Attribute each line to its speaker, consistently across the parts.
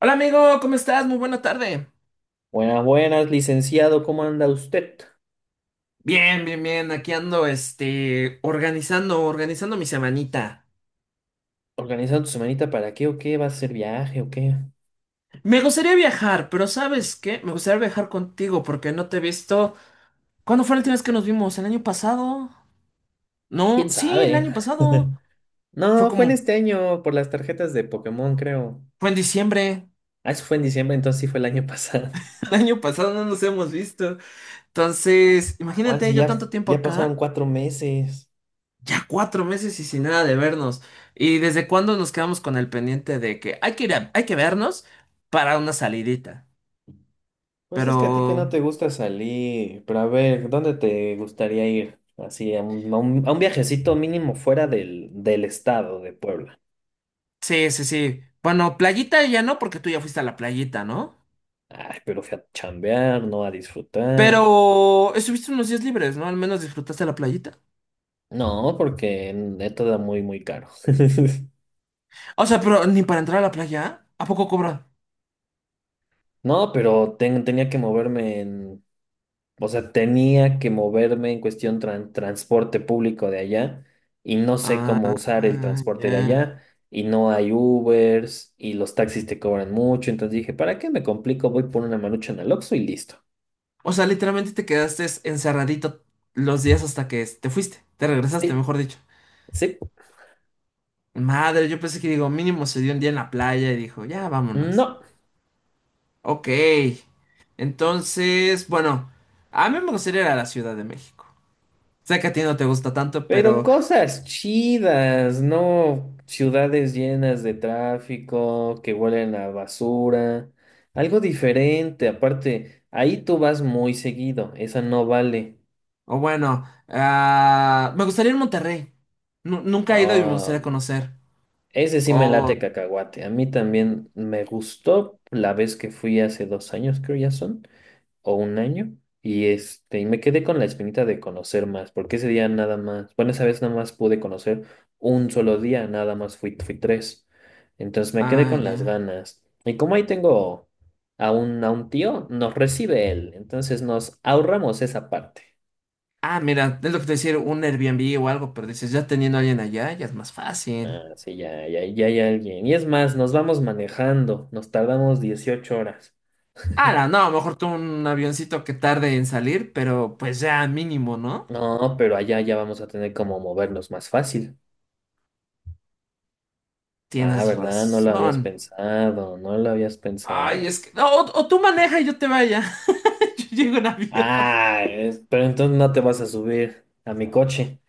Speaker 1: Hola amigo, ¿cómo estás? Muy buena tarde.
Speaker 2: Buenas, buenas, licenciado, ¿cómo anda usted?
Speaker 1: Bien, bien, bien. Aquí ando, organizando, organizando mi semanita.
Speaker 2: ¿Organizando su semanita para qué o qué? ¿Va a hacer viaje o qué?
Speaker 1: Me gustaría viajar, pero ¿sabes qué? Me gustaría viajar contigo porque no te he visto. ¿Cuándo fue la última vez que nos vimos? ¿El año pasado? No,
Speaker 2: ¿Quién
Speaker 1: sí, el
Speaker 2: sabe?
Speaker 1: año pasado. Fue
Speaker 2: No, fue en
Speaker 1: como,
Speaker 2: este año por las tarjetas de Pokémon, creo.
Speaker 1: fue en diciembre.
Speaker 2: Ah, eso fue en diciembre, entonces sí fue el año pasado.
Speaker 1: El año pasado no nos hemos visto. Entonces,
Speaker 2: Juan,
Speaker 1: imagínate,
Speaker 2: si
Speaker 1: yo
Speaker 2: ya,
Speaker 1: tanto tiempo
Speaker 2: ya pasaron
Speaker 1: acá.
Speaker 2: 4 meses.
Speaker 1: Ya 4 meses y sin nada de vernos. ¿Y desde cuándo nos quedamos con el pendiente de que hay que vernos para una salidita?
Speaker 2: Pues es que a ti que
Speaker 1: Pero
Speaker 2: no te gusta salir, pero a ver, ¿dónde te gustaría ir? Así, a un viajecito mínimo fuera del estado de Puebla.
Speaker 1: sí, sí, sí. Bueno, playita ya no, porque tú ya fuiste a la playita, ¿no?
Speaker 2: Ay, pero fui a chambear, no a disfrutar.
Speaker 1: Pero estuviste unos días libres, ¿no? Al menos disfrutaste la playita.
Speaker 2: No, porque esto da muy, muy caro.
Speaker 1: O sea, pero ni para entrar a la playa, ¿a poco cobran?
Speaker 2: No, pero tenía que moverme en, o sea, tenía que moverme en cuestión transporte público de allá y no sé cómo usar el
Speaker 1: Ah, ya.
Speaker 2: transporte de allá, y no hay Ubers y los taxis te cobran mucho, entonces dije, ¿para qué me complico? Voy por una marucha en el Oxxo y listo.
Speaker 1: O sea, literalmente te quedaste encerradito los días hasta que te fuiste, te regresaste,
Speaker 2: Sí,
Speaker 1: mejor dicho.
Speaker 2: sí,
Speaker 1: Madre, yo pensé que digo, mínimo se dio un día en la playa y dijo, ya vámonos.
Speaker 2: no.
Speaker 1: Ok. Entonces, bueno, a mí me gustaría ir a la Ciudad de México. Sé que a ti no te gusta tanto,
Speaker 2: Pero
Speaker 1: pero,
Speaker 2: cosas chidas, no ciudades llenas de tráfico, que huelen a basura, algo diferente. Aparte, ahí tú vas muy seguido, esa no vale.
Speaker 1: o bueno, ah, me gustaría ir a Monterrey. Nunca he ido y me
Speaker 2: Ah,
Speaker 1: gustaría
Speaker 2: mm.
Speaker 1: conocer.
Speaker 2: Ese sí me
Speaker 1: Oh,
Speaker 2: late cacahuate. A mí también me gustó la vez que fui hace 2 años, creo ya son. O un año, y y me quedé con la espinita de conocer más, porque ese día nada más, bueno, esa vez nada más pude conocer un solo día, nada más fui tres. Entonces me quedé
Speaker 1: ah,
Speaker 2: con las
Speaker 1: ya.
Speaker 2: ganas. Y como ahí tengo a un tío, nos recibe él, entonces nos ahorramos esa parte.
Speaker 1: Ah, mira, es lo que te decía, un Airbnb o algo, pero dices, ya teniendo a alguien allá, ya es más fácil.
Speaker 2: Ah, sí, ya, ya, ya hay alguien. Y es más, nos vamos manejando, nos tardamos 18 horas.
Speaker 1: Ah, no, no, mejor tú un avioncito que tarde en salir, pero pues ya mínimo, ¿no?
Speaker 2: No, pero allá ya vamos a tener como movernos más fácil. Ah,
Speaker 1: Tienes
Speaker 2: ¿verdad? No lo habías
Speaker 1: razón.
Speaker 2: pensado, no lo habías
Speaker 1: Ay,
Speaker 2: pensado.
Speaker 1: es que. No, o tú maneja y yo te vaya. Yo llego en avión.
Speaker 2: Ah, pero entonces no te vas a subir a mi coche.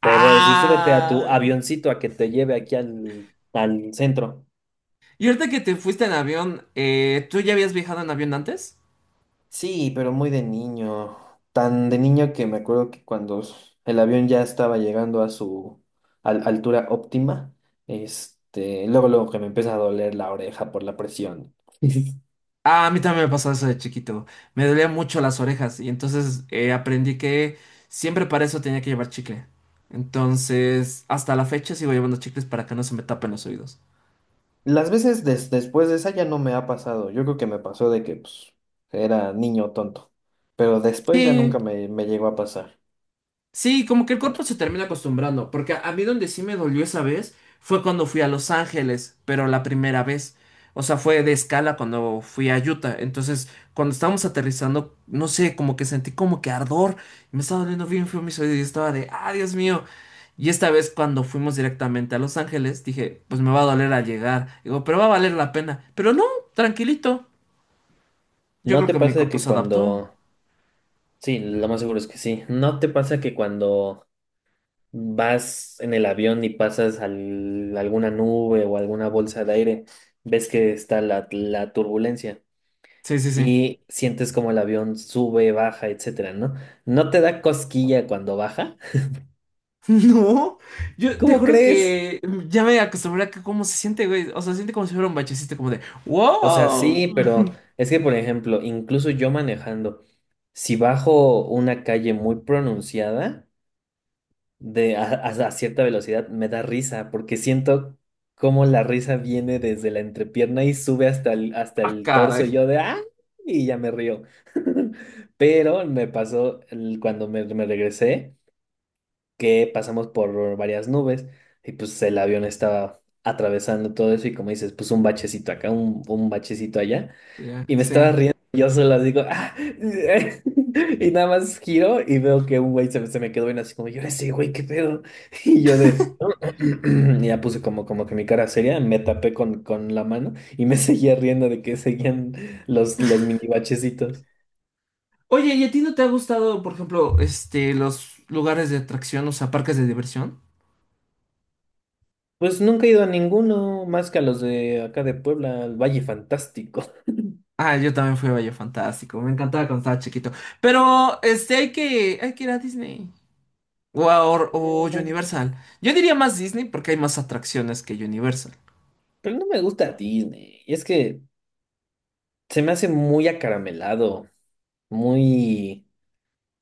Speaker 2: Te voy a decir, súbete a tu
Speaker 1: Ah.
Speaker 2: avioncito a que te lleve aquí al centro.
Speaker 1: Y ahorita que te fuiste en avión, ¿tú ya habías viajado en avión antes?
Speaker 2: Sí, pero muy de niño. Tan de niño que me acuerdo que cuando el avión ya estaba llegando a su altura óptima, luego que me empieza a doler la oreja por la presión.
Speaker 1: Ah, a mí también me pasó eso de chiquito. Me dolían mucho las orejas y entonces aprendí que siempre para eso tenía que llevar chicle. Entonces, hasta la fecha sigo llevando chicles para que no se me tapen los oídos.
Speaker 2: Las veces después de esa ya no me ha pasado. Yo creo que me pasó de que pues, era niño tonto. Pero después ya
Speaker 1: Sí.
Speaker 2: nunca me llegó a pasar.
Speaker 1: Sí, como que el cuerpo se termina acostumbrando, porque a mí donde sí me dolió esa vez fue cuando fui a Los Ángeles, pero la primera vez. O sea, fue de escala cuando fui a Utah. Entonces, cuando estábamos aterrizando, no sé, como que sentí como que ardor. Me estaba doliendo bien feo mis oídos y estaba de, ah, Dios mío. Y esta vez cuando fuimos directamente a Los Ángeles, dije, pues me va a doler al llegar. Digo, pero va a valer la pena. Pero no, tranquilito. Yo
Speaker 2: ¿No
Speaker 1: creo
Speaker 2: te
Speaker 1: que mi
Speaker 2: pasa
Speaker 1: cuerpo
Speaker 2: que
Speaker 1: se adaptó.
Speaker 2: cuando... Sí, lo más seguro es que sí. ¿No te pasa que cuando vas en el avión y pasas alguna nube o alguna bolsa de aire, ves que está la turbulencia
Speaker 1: Sí, sí, sí.
Speaker 2: y sientes como el avión sube, baja, etcétera, ¿no? ¿No te da cosquilla cuando baja?
Speaker 1: No, yo te
Speaker 2: ¿Cómo
Speaker 1: juro
Speaker 2: crees?
Speaker 1: que ya me acostumbré a que cómo se siente, güey. O sea, se siente como si fuera un bachecito, como de
Speaker 2: O sea,
Speaker 1: ¡Wow!
Speaker 2: sí, pero es que, por ejemplo, incluso yo manejando, si bajo una calle muy pronunciada de a cierta velocidad, me da risa, porque siento cómo la risa viene desde la entrepierna y sube hasta el, hasta
Speaker 1: ¡Ah,
Speaker 2: el torso, y
Speaker 1: caray!
Speaker 2: yo de ¡ah! Y ya me río. Pero me pasó cuando me regresé, que pasamos por varias nubes y pues el avión estaba atravesando todo eso y como dices, pues un bachecito acá, un bachecito allá.
Speaker 1: Ya,
Speaker 2: Y me estaba
Speaker 1: sí.
Speaker 2: riendo, y yo solo digo, "Ah", y nada más giro y veo que un güey se me quedó bien así como, yo ese güey, qué pedo. Y yo de, y ya puse como, como que mi cara seria, me tapé con la mano y me seguía riendo de que seguían los mini bachecitos.
Speaker 1: Oye, ¿y a ti no te ha gustado, por ejemplo, los lugares de atracción, o sea, parques de diversión?
Speaker 2: Pues nunca he ido a ninguno más que a los de acá de Puebla, al Valle Fantástico.
Speaker 1: Ah, yo también fui a Valle Fantástico, me encantaba cuando estaba chiquito. Pero, hay que ir a Disney. O
Speaker 2: Mm,
Speaker 1: Universal. Yo diría más Disney porque hay más atracciones que Universal.
Speaker 2: Pero no me gusta Disney, y es que se me hace muy acaramelado, muy...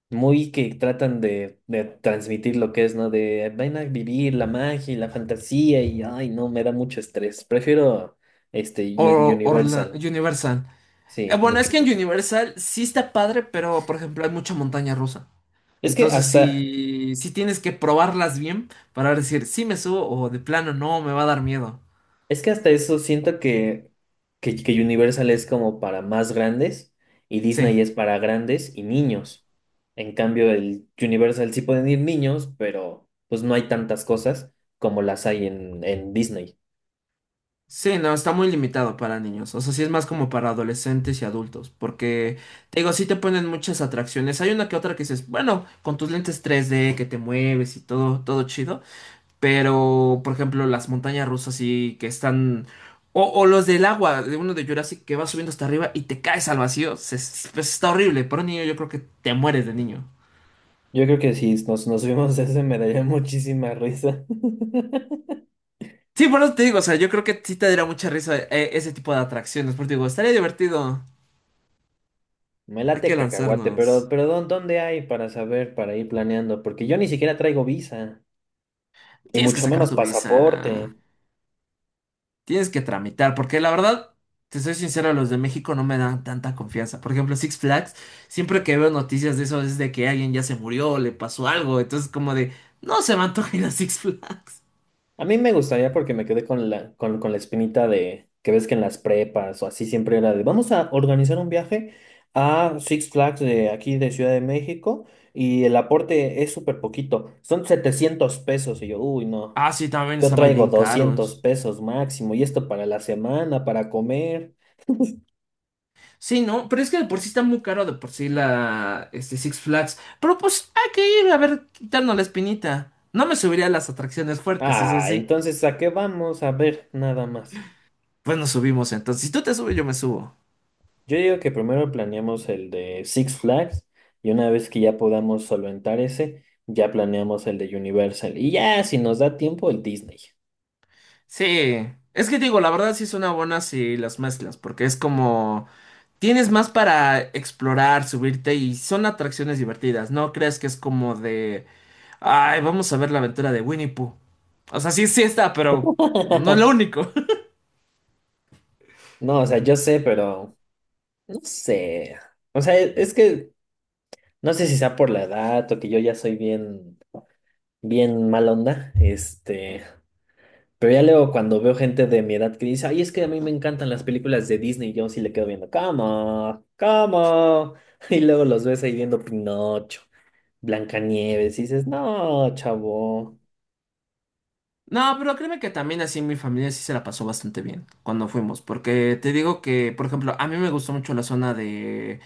Speaker 2: muy que tratan de transmitir lo que es, ¿no? De ven a vivir la magia y la fantasía, y ay, no, me da mucho estrés. Prefiero Universal.
Speaker 1: Universal.
Speaker 2: Sí,
Speaker 1: Bueno, es
Speaker 2: mucho,
Speaker 1: que en
Speaker 2: mucho.
Speaker 1: Universal sí está padre, pero por ejemplo hay mucha montaña rusa.
Speaker 2: Es que
Speaker 1: Entonces
Speaker 2: hasta,
Speaker 1: sí, sí tienes que probarlas bien para decir si me subo o de plano no, me va a dar miedo.
Speaker 2: es que hasta eso siento que, Universal es como para más grandes y
Speaker 1: Sí,
Speaker 2: Disney es para grandes y niños. En cambio, el Universal sí pueden ir niños, pero pues no hay tantas cosas como las hay en Disney.
Speaker 1: sí, no, está muy limitado para niños. O sea, sí es más como para adolescentes y adultos. Porque, te digo, sí te ponen muchas atracciones. Hay una que otra que dices, bueno, con tus lentes 3D que te mueves y todo, todo chido. Pero, por ejemplo, las montañas rusas sí que están. O los del agua, de uno de Jurassic que va subiendo hasta arriba y te caes al vacío. Pues, está horrible. Para un niño, yo creo que te mueres de niño.
Speaker 2: Yo creo que sí, nos, nos vimos ese, me daría muchísima risa.
Speaker 1: Sí, por eso te digo, o sea, yo creo que sí te daría mucha risa ese tipo de atracciones. Porque digo, estaría divertido.
Speaker 2: Me
Speaker 1: Hay que
Speaker 2: late cacahuate, pero,
Speaker 1: lanzarnos.
Speaker 2: pero ¿dónde hay para saber, para ir planeando? Porque yo ni siquiera traigo visa, y
Speaker 1: Tienes que
Speaker 2: mucho
Speaker 1: sacar
Speaker 2: menos
Speaker 1: tu visa.
Speaker 2: pasaporte.
Speaker 1: Tienes que tramitar, porque la verdad, te soy sincero, los de México no me dan tanta confianza. Por ejemplo, Six Flags, siempre que veo noticias de eso es de que alguien ya se murió, le pasó algo, entonces como de, no se me antoja ir a Six Flags.
Speaker 2: A mí me gustaría porque me quedé con la espinita de que ves que en las prepas o así siempre era de vamos a organizar un viaje a Six Flags de aquí de Ciudad de México, y el aporte es súper poquito, son 700 pesos. Y yo, uy, no.
Speaker 1: Ah, sí, también
Speaker 2: Yo
Speaker 1: estaban
Speaker 2: traigo
Speaker 1: bien
Speaker 2: 200
Speaker 1: caros.
Speaker 2: pesos máximo y esto para la semana, para comer.
Speaker 1: Sí, no, pero es que de por sí está muy caro de por sí la, Six Flags. Pero pues hay que ir a ver, quitarnos la espinita. No me subiría a las atracciones fuertes, eso
Speaker 2: Ah,
Speaker 1: sí.
Speaker 2: entonces, ¿a qué vamos? A ver, nada más.
Speaker 1: Pues nos subimos entonces. Si tú te subes, yo me subo.
Speaker 2: Yo digo que primero planeamos el de Six Flags y una vez que ya podamos solventar ese, ya planeamos el de Universal. Y ya, si nos da tiempo, el Disney.
Speaker 1: Sí, es que digo, la verdad sí son buenas si las mezclas, porque es como tienes más para explorar, subirte y son atracciones divertidas. No creas que es como de, ay, vamos a ver la aventura de Winnie Pooh. O sea, sí, sí está, pero no es lo único.
Speaker 2: No, o sea, yo sé, pero no sé. O sea, es que no sé si sea por la edad o que yo ya soy bien, bien mal onda. Pero ya luego cuando veo gente de mi edad que dice, ay, es que a mí me encantan las películas de Disney, yo sí le quedo viendo, cama, cama. Y luego los ves ahí viendo Pinocho, Blancanieves, y dices, no, chavo,
Speaker 1: No, pero créeme que también así mi familia sí se la pasó bastante bien cuando fuimos, porque te digo que, por ejemplo, a mí me gustó mucho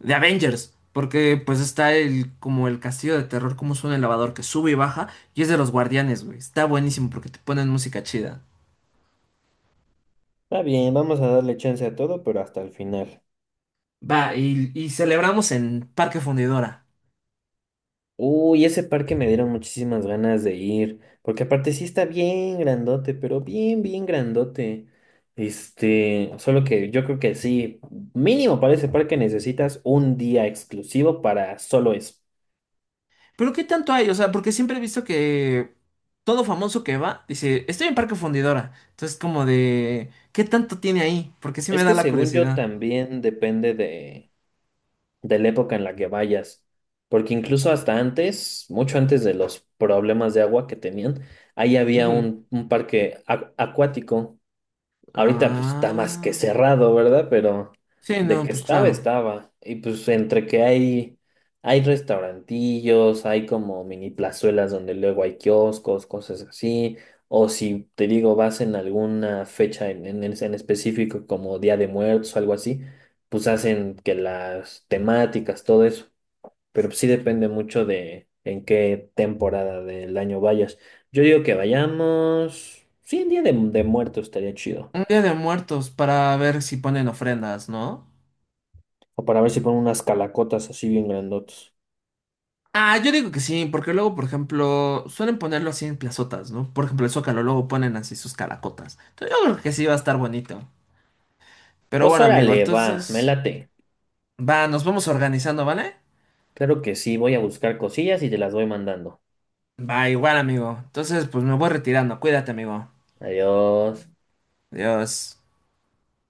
Speaker 1: de Avengers, porque pues está el como el castillo de terror, como suena el lavador que sube y baja, y es de los guardianes, güey. Está buenísimo porque te ponen música chida.
Speaker 2: está bien, vamos a darle chance a todo, pero hasta el final.
Speaker 1: Va, y celebramos en Parque Fundidora.
Speaker 2: Uy, ese parque me dieron muchísimas ganas de ir, porque aparte sí está bien grandote, pero bien, bien grandote. Solo que yo creo que sí, mínimo para ese parque necesitas un día exclusivo para solo eso.
Speaker 1: Pero ¿qué tanto hay? O sea, porque siempre he visto que todo famoso que va dice, estoy en Parque Fundidora. Entonces como de, ¿qué tanto tiene ahí? Porque sí me
Speaker 2: Es
Speaker 1: da
Speaker 2: que
Speaker 1: la
Speaker 2: según yo
Speaker 1: curiosidad.
Speaker 2: también depende de la época en la que vayas, porque incluso hasta antes, mucho antes de los problemas de agua que tenían, ahí había
Speaker 1: Ujú.
Speaker 2: un parque acuático. Ahorita pues está más que
Speaker 1: Ah.
Speaker 2: cerrado, ¿verdad? Pero
Speaker 1: Sí,
Speaker 2: de
Speaker 1: no,
Speaker 2: que
Speaker 1: pues
Speaker 2: estaba,
Speaker 1: claro.
Speaker 2: estaba. Y pues entre que hay restaurantillos, hay como mini plazuelas donde luego hay kioscos, cosas así. O si te digo, vas en alguna fecha en, en específico como Día de Muertos o algo así, pues hacen que las temáticas, todo eso. Pero pues, sí depende mucho de en qué temporada del año vayas. Yo digo que vayamos. Sí, en Día de Muertos estaría chido.
Speaker 1: Un día de muertos para ver si ponen ofrendas, ¿no?
Speaker 2: O para ver si ponen unas calacotas así bien grandotas.
Speaker 1: Ah, yo digo que sí, porque luego, por ejemplo, suelen ponerlo así en plazotas, ¿no? Por ejemplo, el Zócalo luego ponen así sus caracotas. Entonces yo creo que sí va a estar bonito. Pero
Speaker 2: Pues
Speaker 1: bueno, amigo,
Speaker 2: órale, va, me
Speaker 1: entonces
Speaker 2: late.
Speaker 1: va, nos vamos organizando, ¿vale?
Speaker 2: Claro que sí, voy a buscar cosillas y te las voy mandando.
Speaker 1: Va, igual, amigo. Entonces, pues me voy retirando. Cuídate, amigo.
Speaker 2: Adiós.
Speaker 1: Adiós.